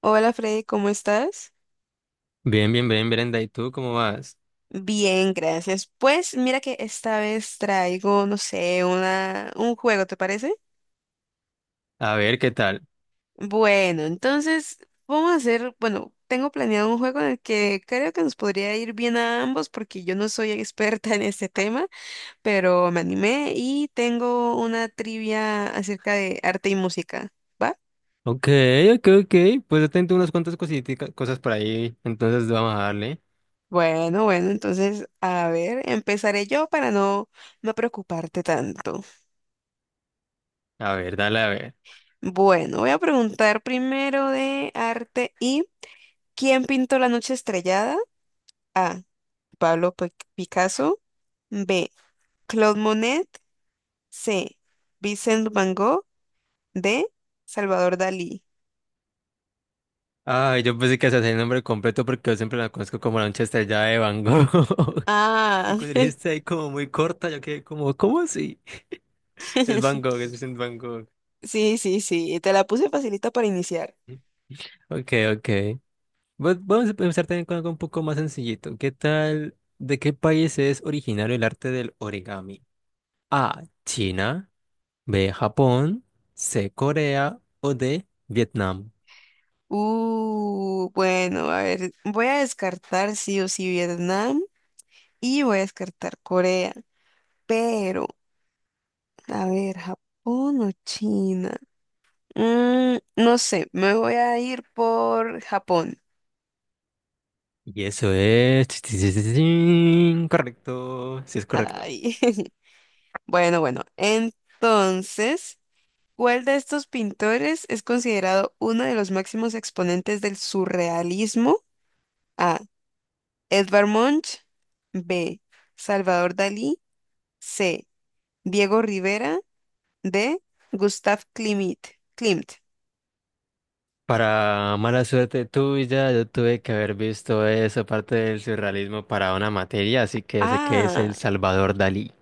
Hola Freddy, ¿cómo estás? Bien, bien, bien, Brenda. ¿Y tú cómo vas? Bien, gracias. Pues mira que esta vez traigo, no sé, un juego, ¿te parece? A ver, ¿qué tal? Bueno, entonces vamos a hacer, bueno, tengo planeado un juego en el que creo que nos podría ir bien a ambos porque yo no soy experta en este tema, pero me animé y tengo una trivia acerca de arte y música, ¿va? Ok, ok, ok. Pues yo tengo unas cuantas cositas, cosas por ahí. Entonces vamos a darle. Bueno, bueno, entonces a ver, empezaré yo para no preocuparte tanto. A ver, dale, a ver. Bueno, voy a preguntar primero de arte y ¿quién pintó la noche estrellada? A. Picasso. B. Claude Monet. C. Vincent Van Gogh. D. Salvador Dalí. Ay, yo pensé que hacía el nombre completo porque yo siempre la conozco como la noche estrellada de Van Gogh. Y Ah, cuando dijiste ahí como muy corta, yo quedé como, ¿cómo así? Es Van Gogh, es Vincent Van Gogh. sí, sí, sí, te la puse facilita para iniciar. Ok, ok. Bueno, vamos a empezar también con algo un poco más sencillito. ¿Qué tal? ¿De qué país es originario el arte del origami? A, China. B, Japón. C, Corea. O D, Vietnam. Bueno, a ver, voy a descartar sí o sí Vietnam y voy a descartar Corea, pero, a ver, Japón o China. No sé, me voy a ir por Japón. Y eso es correcto, sí es correcto. Ay. Bueno, bueno. Entonces, ¿cuál de estos pintores es considerado uno de los máximos exponentes del surrealismo? A. Edvard Munch. B. Salvador Dalí. C. Diego Rivera. D. Gustav Klimt. Klimt. Para mala suerte tuya, yo tuve que haber visto esa parte del surrealismo para una materia, así que sé que es el Ah, Salvador Dalí.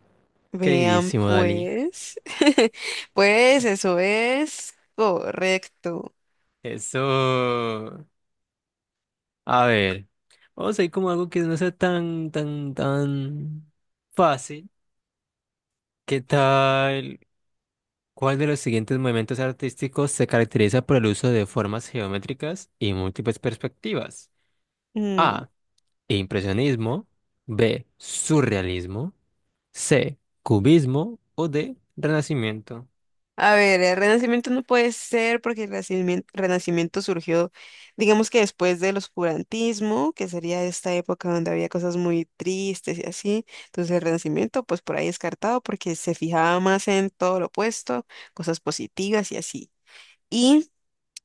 vean Queridísimo Dalí. pues. Pues eso es correcto. Eso. A ver, vamos a ir como algo que no sea tan, tan, tan fácil. ¿Qué tal? ¿Cuál de los siguientes movimientos artísticos se caracteriza por el uso de formas geométricas y múltiples perspectivas? Mm, A, Impresionismo. B, Surrealismo. C, Cubismo. O D, Renacimiento. A ver, el Renacimiento no puede ser porque el Renacimiento, surgió, digamos que después del oscurantismo, que sería esta época donde había cosas muy tristes y así. Entonces el Renacimiento, pues por ahí descartado porque se fijaba más en todo lo opuesto, cosas positivas y así. Y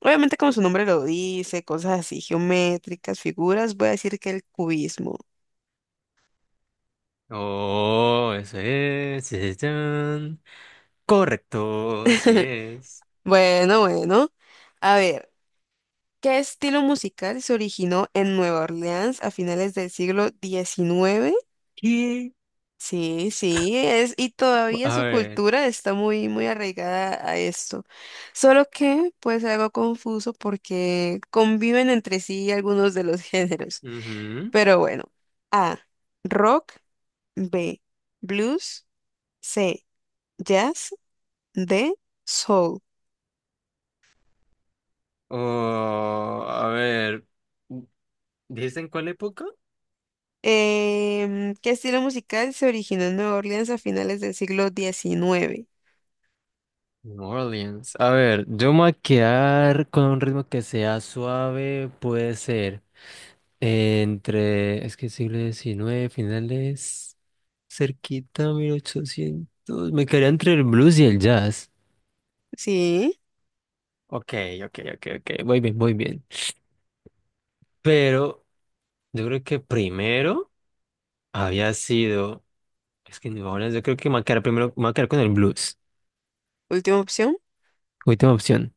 obviamente como su nombre lo dice, cosas así geométricas, figuras, voy a decir que el cubismo. Oh, eso es. Sí, sí, chan. Correcto, sí es. Bueno, bueno. A ver. ¿Qué estilo musical se originó en Nueva Orleans a finales del siglo XIX? ¿Qué? Sí, sí, es, y todavía A su ver. cultura está muy, muy arraigada a esto. Solo que, pues, algo confuso porque conviven entre sí algunos de los géneros. Ujú. Pero bueno, A, rock, B, blues, C, jazz, D, soul. Oh, a ver. ¿Dijiste en cuál época? ¿Qué estilo musical se originó en Nueva Orleans a finales del siglo diecinueve? New Orleans. A ver, yo me voy a quedar con un ritmo que sea suave, puede ser entre, es que siglo XIX finales, cerquita, 1800, me quedaría entre el blues y el jazz. Sí, Ok, ok, ok, ok, muy bien, muy bien. Pero yo creo que primero había sido, es que New Orleans, yo creo que me voy a quedar primero, me voy a quedar con el blues. última opción. Última opción.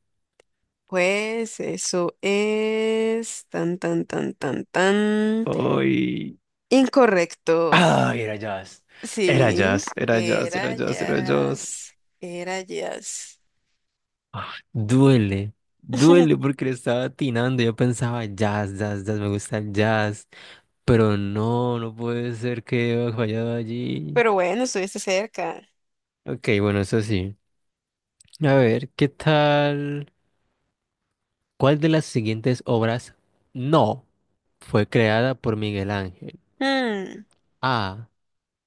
Pues eso es tan, tan, tan, tan, tan. Ay, Incorrecto. ah, era jazz. Era Sí, jazz, era jazz, era era jazz, era jazz. jazz. Era jazz. Ah, duele, duele porque le estaba atinando. Yo pensaba jazz, jazz, jazz, me gusta el jazz. Pero no, no puede ser que haya fallado allí. Pero bueno, estuviste cerca. Ok, bueno, eso sí. A ver, ¿qué tal? ¿Cuál de las siguientes obras no fue creada por Miguel Ángel? Hmm, A,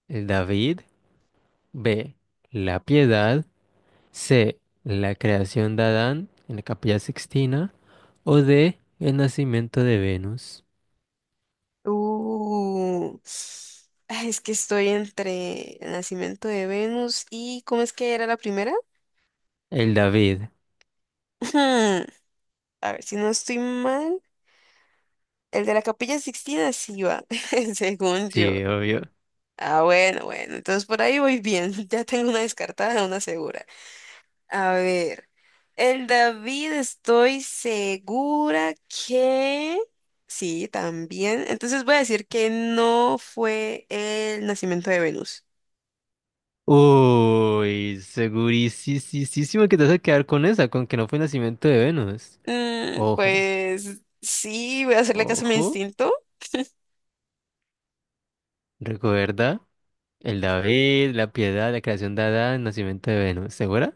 El David. B, La Piedad. C, La creación de Adán en la Capilla Sixtina. O D, El nacimiento de Venus. Uh. Ay, es que estoy entre el nacimiento de Venus y ¿cómo es que era la primera? El David. Hmm, a ver si no estoy mal. El de la Capilla Sixtina sí iba, según yo. Sí, obvio. Ah, bueno, bueno, entonces por ahí voy bien. Ya tengo una descartada, una segura. A ver, el David estoy segura que... Sí, también. Entonces voy a decir que no fue el nacimiento de Venus. Uy, segurísimo que te vas a quedar con esa, con que no fue nacimiento de Venus. Ojo, Pues sí, voy a hacerle caso a mi ojo, instinto. recuerda el David, la piedad, la creación de Adán, nacimiento de Venus. ¿Segura?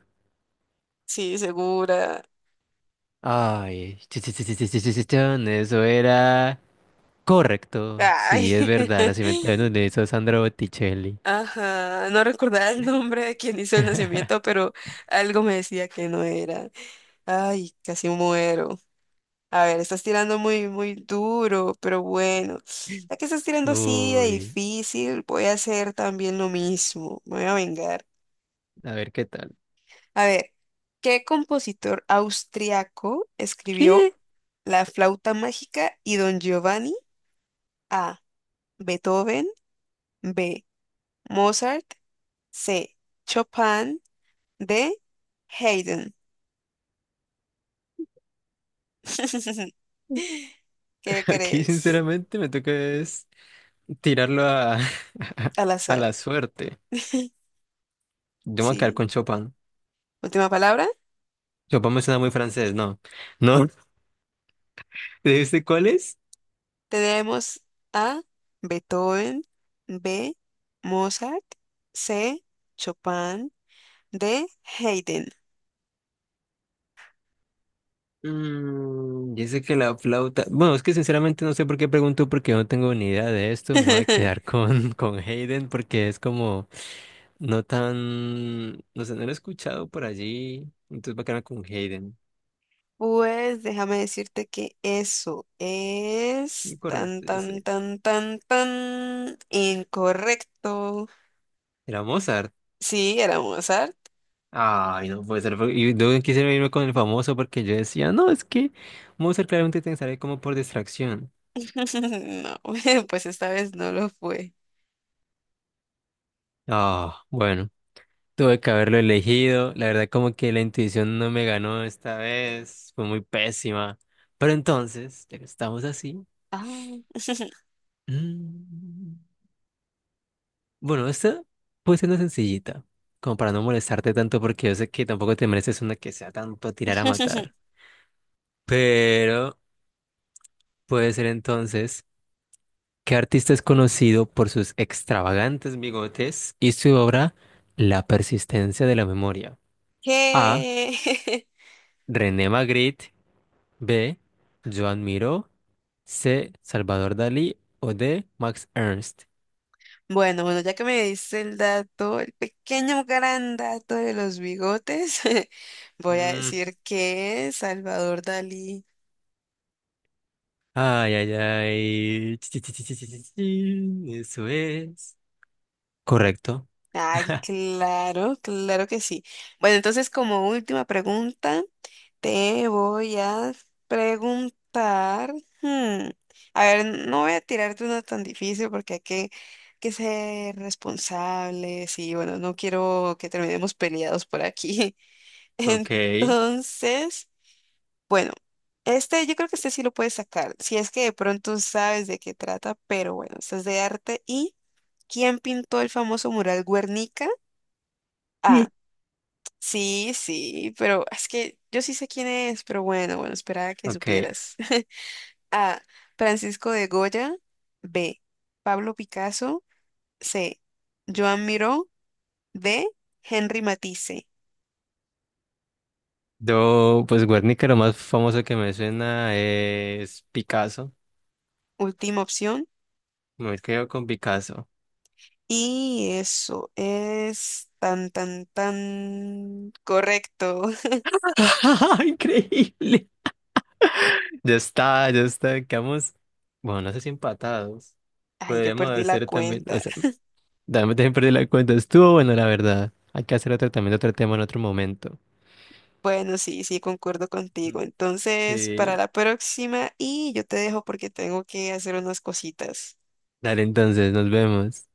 Sí, segura. Ay, sí, sí, sí, sí, sí, sí, sí, sí, chon, eso era correcto. Sí, Ay. es verdad, nacimiento de Venus le hizo Sandra Botticelli. Ajá, no recordaba el nombre de quien hizo el nacimiento, pero algo me decía que no era. Ay, casi muero. A ver, estás tirando muy, muy duro, pero bueno, ya que estás tirando así de Uy, difícil, voy a hacer también lo mismo. Me voy a vengar. a ver qué tal. A ver, ¿qué compositor austriaco escribió ¿Qué? La flauta mágica y Don Giovanni? A. Beethoven. B. Mozart. C. Chopin. D. Haydn. ¿Qué Aquí, crees? sinceramente, me toca es. Tirarlo a, Al a azar. la suerte. Yo me voy a quedar Sí. con Chopin. Última palabra. Chopin me suena muy francés, ¿no? ¿No? ¿Dijiste cuál es? Tenemos A, Beethoven, B, Mozart, C, Chopin, D, Haydn. Mm, yo sé que la flauta. Bueno, es que sinceramente no sé por qué pregunto, porque yo no tengo ni idea de esto. Me voy a quedar con, con Hayden, porque es como no tan. No sé, no lo he escuchado por allí. Entonces va a quedar con Hayden. Pues déjame decirte que eso es tan, Correcto, yo tan, sé. tan, tan, tan incorrecto. Era Mozart. Sí, era Mozart. Ay, no puede ser. Y yo quisiera irme con el famoso porque yo decía, no, es que Mozart claramente te sale como por distracción. No, pues esta vez no lo fue. Ah, bueno, tuve que haberlo elegido. La verdad, como que la intuición no me ganó esta vez. Fue muy pésima. Pero entonces, ya que estamos así. Ah. mm, Bueno, esta puede ser una sencillita. Como para no molestarte tanto, porque yo sé que tampoco te mereces una que sea tanto a tirar a matar. Pero puede ser entonces. ¿Qué artista es conocido por sus extravagantes bigotes y su obra La persistencia de la memoria? A, ¿Qué? René Magritte. B, Joan Miró. C, Salvador Dalí. O D, Max Ernst. Bueno, bueno, ya que me diste el dato, el pequeño gran dato de los bigotes, voy a Mm, decir que Salvador Dalí. ay, ay, ay. Chi, chi, chi, chi, chi, chi, chi. Eso es. Correcto. Ay, claro, claro que sí. Bueno, entonces como última pregunta, te voy a preguntar, hmm, a ver, no voy a tirarte una tan difícil porque hay que ser responsables y bueno, no quiero que terminemos peleados por aquí. Ok. Entonces, bueno, este yo creo que este sí lo puedes sacar, si es que de pronto sabes de qué trata, pero bueno, este es de arte. ¿Y quién pintó el famoso mural Guernica? Ah, Sí. sí, sí, pero es que yo sí sé quién es, pero bueno, bueno, esperaba que Ok. supieras. A, Francisco de Goya, B, Pablo Picasso, C, Joan Miró, D, Henry Matisse. Yo, pues Guernica, lo más famoso que me suena es Picasso. Última opción. Me quedo con Picasso. Y eso es tan, tan, tan correcto. Increíble. Ya está, ya está. Quedamos, bueno, no sé si empatados. Ay, yo Podríamos perdí la hacer también, o cuenta. sea, dame también perdí la cuenta. Estuvo bueno, la verdad. Hay que hacer otro también, otro tema en otro momento. Bueno, sí, sí, concuerdo Ujú. contigo. Entonces, para Sí. la próxima, y yo te dejo porque tengo que hacer unas cositas. Dale, entonces, nos vemos.